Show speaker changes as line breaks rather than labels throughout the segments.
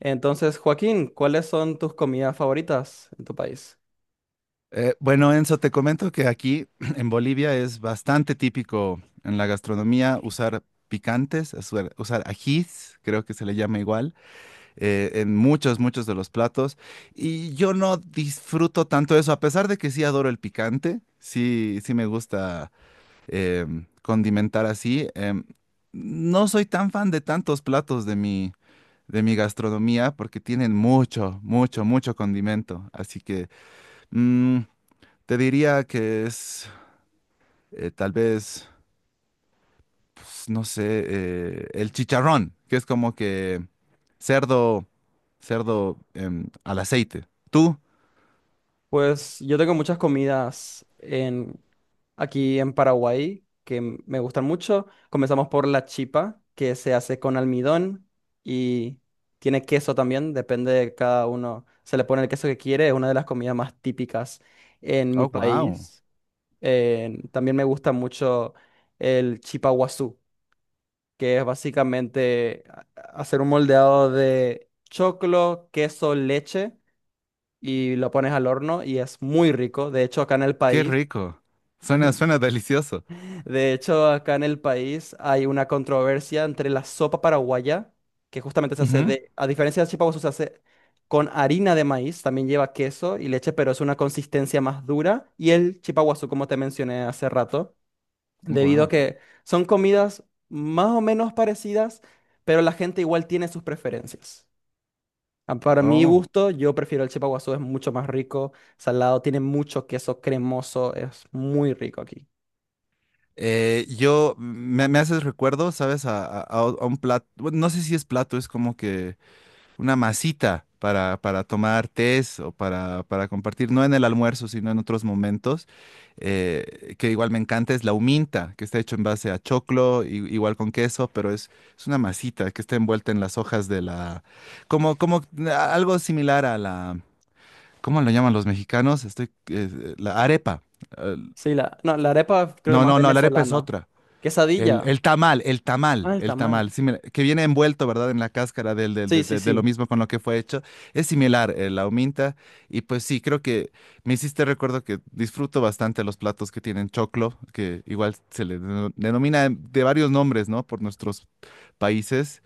Entonces, Joaquín, ¿cuáles son tus comidas favoritas en tu país?
Bueno, Enzo, te comento que aquí en Bolivia es bastante típico en la gastronomía usar picantes, usar ajís, creo que se le llama igual, en muchos de los platos. Y yo no disfruto tanto eso, a pesar de que sí adoro el picante, sí, sí me gusta condimentar así. No soy tan fan de tantos platos de mi gastronomía porque tienen mucho condimento. Así que... mm, te diría que es tal vez, pues, no sé, el chicharrón, que es como que cerdo, cerdo al aceite. ¿Tú?
Pues yo tengo muchas comidas en, aquí en Paraguay que me gustan mucho. Comenzamos por la chipa, que se hace con almidón y tiene queso también, depende de cada uno. Se le pone el queso que quiere, es una de las comidas más típicas en mi
Oh, wow,
país. También me gusta mucho el chipa guazú, que es básicamente hacer un moldeado de choclo, queso, leche y lo pones al horno y es muy rico. De hecho, acá en el
qué
país,
rico. Suena delicioso.
de hecho, acá en el país hay una controversia entre la sopa paraguaya, que justamente se hace de, a diferencia del chipa se hace con harina de maíz, también lleva queso y leche, pero es una consistencia más dura, y el chipa guazú, como te mencioné hace rato debido a
Wow.
que son comidas más o menos parecidas, pero la gente igual tiene sus preferencias. Ah, para mi
Oh.
gusto, yo prefiero el chipaguazú, es mucho más rico, salado, tiene mucho queso cremoso, es muy rico aquí.
Me haces recuerdo, ¿sabes? A un plato, no sé si es plato, es como que una masita para tomar tés o para compartir, no en el almuerzo, sino en otros momentos, que igual me encanta, es la huminta, que está hecho en base a choclo, igual con queso, es una masita que está envuelta en las hojas de la... Como, como algo similar a la... ¿Cómo lo llaman los mexicanos? La arepa. Eh,
Sí, la, no, la arepa creo que
no,
más
no, no, la arepa es
venezolano.
otra. El,
Quesadilla,
el tamal, el tamal,
ah, el
el
tamal.
tamal, similar, que viene envuelto, ¿verdad? En la cáscara del- del-
Sí,
de,
sí,
de- de lo
sí,
mismo con lo que fue hecho. Es similar, la huminta. Y pues sí, creo que me hiciste recuerdo que disfruto bastante los platos que tienen choclo, que igual se le denomina de varios nombres, ¿no? Por nuestros países,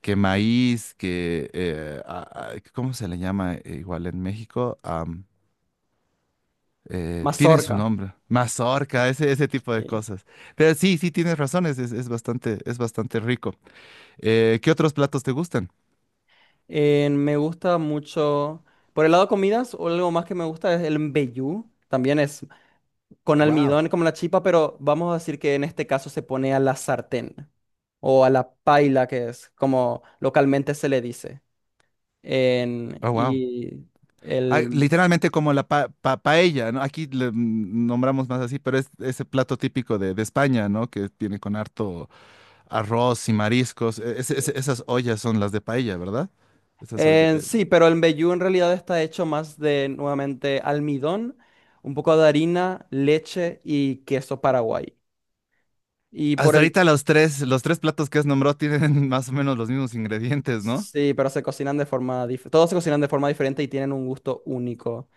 que maíz, que, ¿cómo se le llama igual en México? Tiene su
mazorca.
nombre, mazorca, ese tipo de
Sí.
cosas. Pero sí, sí tienes razones, es bastante rico. ¿Qué otros platos te gustan?
Me gusta mucho, por el lado de comidas, o algo más que me gusta es el mbejú, también es con
Wow.
almidón como la chipa, pero vamos a decir que en este caso se pone a la sartén o a la paila, que es como localmente se le dice. En,
Oh, wow.
y
Ah,
el,
literalmente como la paella, ¿no? Aquí le nombramos más así, pero es ese plato típico de España, ¿no? Que tiene con harto arroz y mariscos. Esas ollas son las de paella, ¿verdad? Esas ollas.
en sí, pero el mbejú en realidad está hecho más de nuevamente almidón, un poco de harina, leche y queso paraguay. Y por
Hasta
el...
ahorita los tres platos que has nombrado tienen más o menos los mismos ingredientes, ¿no?
Sí, pero se cocinan de forma Todos se cocinan de forma diferente y tienen un gusto único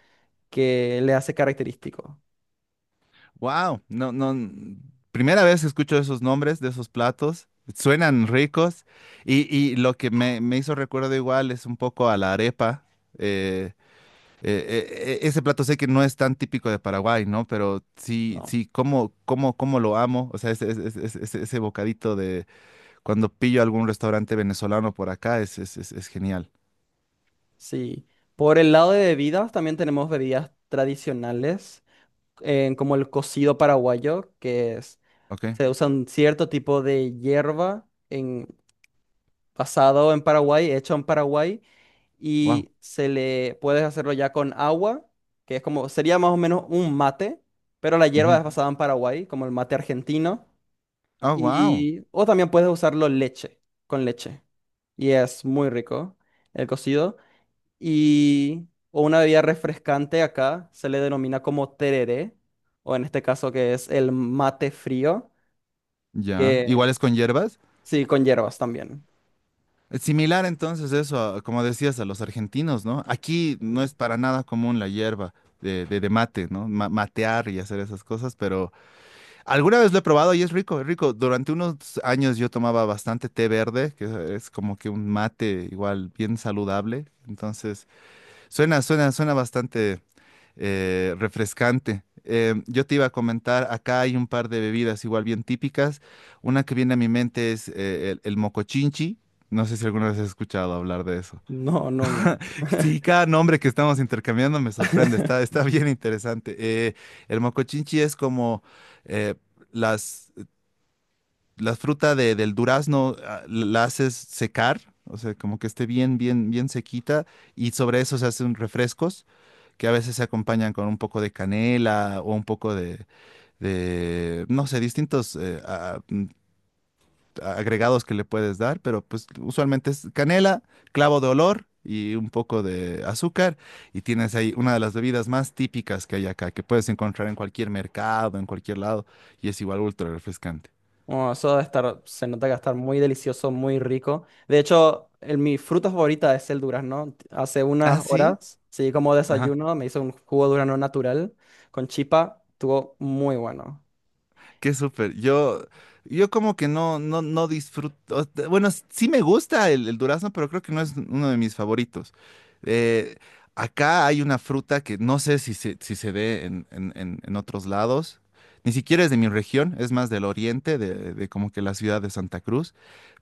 que le hace característico.
Wow, no, no, primera vez que escucho esos nombres de esos platos, suenan ricos y lo que me hizo recuerdo igual es un poco a la arepa. eh, Ese plato sé que no es tan típico de Paraguay, ¿no? Pero sí,
¿No?
sí, cómo lo amo. O sea, ese bocadito de cuando pillo algún restaurante venezolano por acá es genial.
Sí. Por el lado de bebidas, también tenemos bebidas tradicionales, como el cocido paraguayo, que es,
Ok,
se usa un cierto tipo de hierba en, basado en Paraguay, hecho en Paraguay,
wow.
y se le puedes hacerlo ya con agua, que es como, sería más o menos un mate, pero la hierba es basada en Paraguay, como el mate argentino,
Oh, wow.
y, o también puedes usarlo leche, con leche, y es muy rico el cocido y o una bebida refrescante acá se le denomina como tereré, o en este caso que es el mate frío,
Ya.
que
¿Igual es con hierbas?
sí, con hierbas también.
Es similar entonces eso, a- como decías, a los argentinos, ¿no? Aquí no es para nada común la hierba de mate, ¿no? Ma- matear y hacer esas cosas, pero alguna vez lo he probado y es rico. Durante unos años yo tomaba bastante té verde, que es como que un mate igual bien saludable. Entonces, suena bastante refrescante. Em, yo te iba a comentar, acá hay un par de bebidas igual bien típicas. Una que viene a mi mente es el mocochinchi. No sé si alguna vez has escuchado hablar de eso.
No, nunca.
Sí, cada nombre que estamos intercambiando me sorprende, está, está bien interesante. El mocochinchi es como eh, las, la fruta del durazno, ah, la haces secar, o sea, como que esté bien sequita, y sobre eso se hacen refrescos que a veces se acompañan con un poco de canela o un poco no sé, distintos agregados que le puedes dar, pero pues usualmente es canela, clavo de olor y un poco de azúcar y tienes ahí una de las bebidas más típicas que hay acá, que puedes encontrar en cualquier mercado, en cualquier lado y es igual ultra refrescante.
Oh, eso debe estar, se nota que va a estar muy delicioso, muy rico. De hecho, el- mi fruta favorita es el durazno. Hace
Ah,
unas
sí.
horas, sí, como desayuno, me hice un jugo de durazno natural con chipa. Estuvo muy bueno.
Qué súper. Yo como que no disfruto. Bueno, s- sí me gusta el durazno, pero creo que no es uno de mis favoritos. Eh, acá hay una fruta que no sé si se ve en, en otros lados. Ni siquiera es de mi región, es más del oriente, de como que la ciudad de Santa Cruz.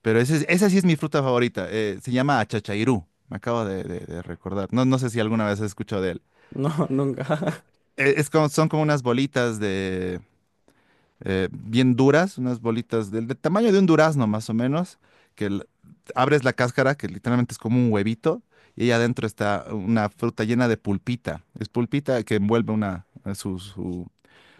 Pero esa sí es mi fruta favorita. Eh, se llama achachairú. Me acabo de recordar. No, no sé si alguna vez has escuchado de él.
No, nunca.
Es como, son como unas bolitas bien duras, unas bolitas del tamaño de un durazno más o menos, que l- abres la cáscara, que literalmente es como un huevito, y ahí adentro está una fruta llena de pulpita. Es pulpita que envuelve una, su,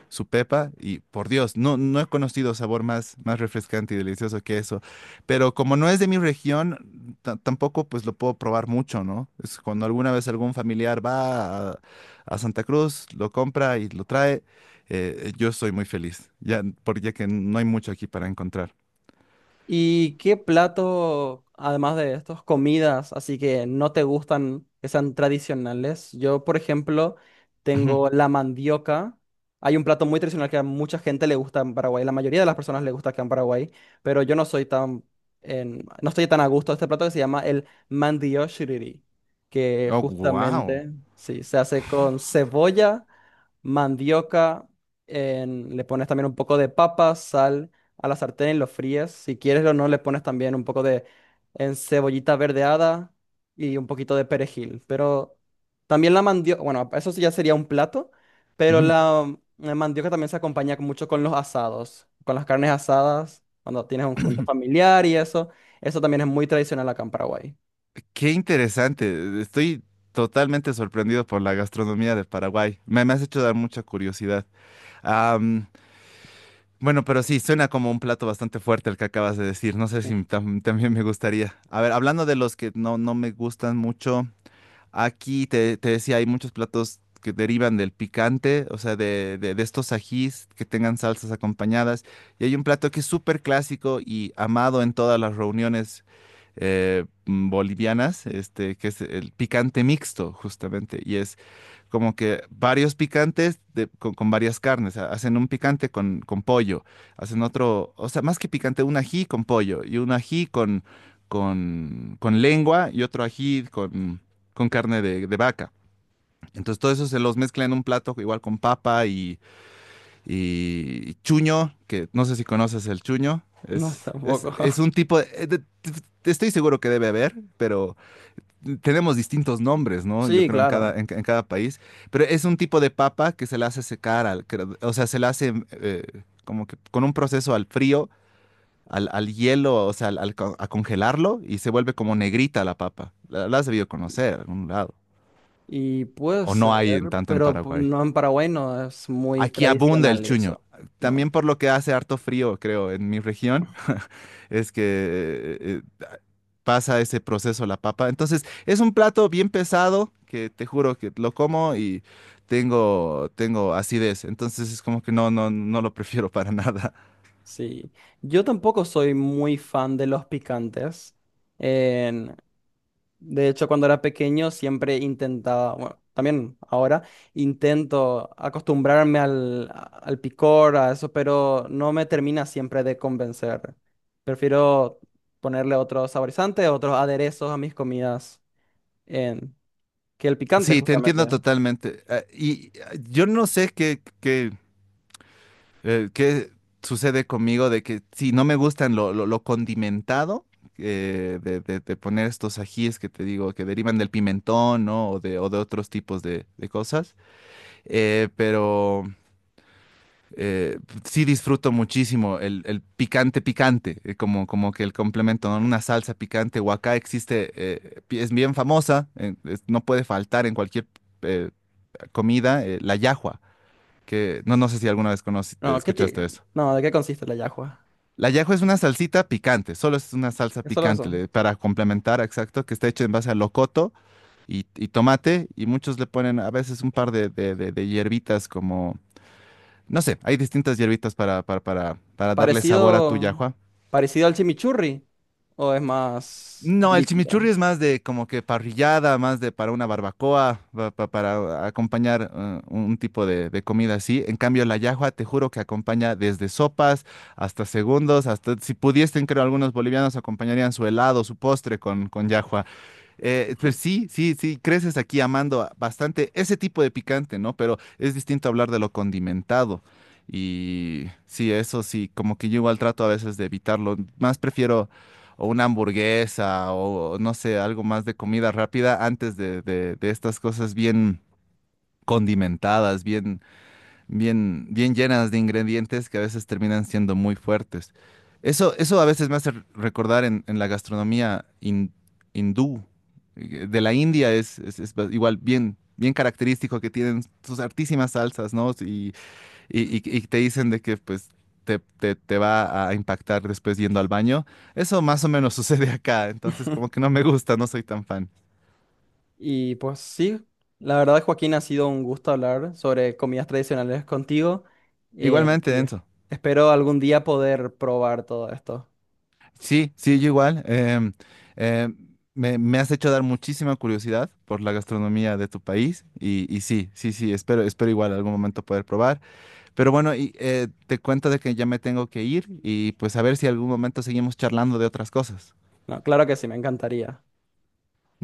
su pepa y por Dios, no, no he conocido sabor más refrescante y delicioso que eso. Pero como no es de mi región, ta- tampoco pues lo puedo probar mucho, ¿no? Es cuando alguna vez algún familiar va a Santa Cruz, lo compra y lo trae, yo soy muy feliz, ya, porque ya que no hay mucho aquí para encontrar.
¿Y qué plato, además de estos, comidas, así que no te gustan, que sean tradicionales? Yo, por ejemplo,
Ujú.
tengo la mandioca. Hay un plato muy tradicional que a mucha gente le gusta en Paraguay, la mayoría de las personas le gusta acá en Paraguay, pero yo no soy tan, no estoy tan a gusto de este plato que se llama el mandioshiriri, que
Oh, wow.
justamente, sí, se hace con cebolla mandioca, le pones también un poco de papa, sal a la sartén y lo fríes. Si quieres o no, le pones también un poco de en cebollita verdeada y un poquito de perejil. Pero también la mandioca, bueno, eso sí ya sería un plato, pero la mandioca también se acompaña mucho con los asados, con las carnes asadas, cuando tienes un junta familiar y eso. Eso también es muy tradicional acá en Paraguay.
Qué interesante. Estoy totalmente sorprendido por la gastronomía de Paraguay. Me has hecho dar mucha curiosidad. Bueno, pero sí, suena como un plato bastante fuerte el que acabas de decir. No sé si tam- también me gustaría. A ver, hablando de los que no, no me gustan mucho, aquí te decía, hay muchos platos que derivan del picante, o sea, de estos ajís que tengan salsas acompañadas. Y hay un plato que es súper clásico y amado en todas las reuniones bolivianas, este, que es el picante mixto, justamente. Y es como que varios picantes con varias carnes. Hacen un picante con pollo, hacen otro, o sea, más que picante, un ají con pollo y un ají con lengua y otro ají con carne de vaca. Entonces todo eso se los mezcla en un plato igual con papa y, y chuño, que no sé si conoces el chuño.
No,
Es, es,
tampoco.
es un tipo, te estoy seguro que debe haber, pero tenemos distintos nombres, ¿no? Yo
Sí,
creo
claro.
en cada país, pero es un tipo de papa que se la hace secar, al, que, o sea, se la hace como que con un proceso al frío, al, al hielo, o sea, a congelarlo y se vuelve como negrita la papa. La has debido conocer en algún lado,
Y puede
o no
ser,
hay en tanto en
pero
Paraguay.
no en Paraguay no es muy
Aquí abunda el
tradicional
chuño.
eso. No,
También por lo que hace harto frío, creo, en mi región, es que pasa ese proceso la papa. Entonces, es un plato bien pesado que te juro que lo como y tengo acidez. Entonces, es como que no lo prefiero para nada.
sí. Yo tampoco soy muy fan de los picantes. En- de hecho, cuando era pequeño siempre intentaba, bueno, también ahora intento acostumbrarme al, al picor, a eso, pero no me termina siempre de convencer. Prefiero ponerle otros saborizantes, otros aderezos a mis comidas en, que el picante,
Sí, te
justamente.
entiendo totalmente. Ah, y ah, yo no sé qué sucede conmigo de que si no me gustan lo condimentado. De poner estos ajíes que te digo que derivan del pimentón, ¿no? O de otros tipos de cosas. Eh, pero eh, sí disfruto muchísimo el picante picante, como que el complemento, ¿no? Una salsa picante, o acá existe, es bien famosa, no puede faltar en cualquier eh, comida, la yahua, que no, no sé si alguna vez
No,
escuchaste eso.
No, ¿de qué consiste la yahua?
La yahua es una salsita picante, solo es una salsa
¿Es solo
picante,
eso?
para complementar, exacto, que está hecha en base a locoto y tomate, y muchos le ponen a veces un par de hierbitas como no sé, hay distintas hierbitas para darle sabor a tu
Parecido,
yahua.
parecido al chimichurri o es más
No, el chimichurri
líquida.
es más de como que parrillada, más de para una barbacoa, para acompañar un tipo de comida así. En cambio, la yahua, te juro que acompaña desde sopas hasta segundos, hasta si pudiesen, creo, algunos bolivianos acompañarían su helado, su postre con llajua. Pues sí, creces aquí amando bastante ese tipo de picante, ¿no? Pero es distinto hablar de lo condimentado. Y sí, eso sí, como que yo igual trato a veces de evitarlo. Más prefiero o una hamburguesa o no sé, algo más de comida rápida antes de estas cosas bien condimentadas, bien llenas de ingredientes que a veces terminan siendo muy fuertes. Eso a veces me hace recordar en la gastronomía hindú, de la India es igual bien característico que tienen sus artísimas salsas, ¿no? Y te dicen de que pues te va a impactar después yendo al baño. Eso, más o menos sucede acá, entonces como que no me gusta, no soy tan fan.
Y pues sí, la verdad, Joaquín, ha sido un gusto hablar sobre comidas tradicionales contigo. eh,
Igualmente,
y es-
Enzo.
Espero algún día poder probar todo esto.
Sí, sí, yo igual. Em, me has hecho dar muchísima curiosidad por la gastronomía de tu país y sí, espero igual algún momento poder probar. Pero bueno, y, te cuento de que ya me tengo que ir y pues a ver si algún momento seguimos charlando de otras cosas.
No, claro que sí, me encantaría.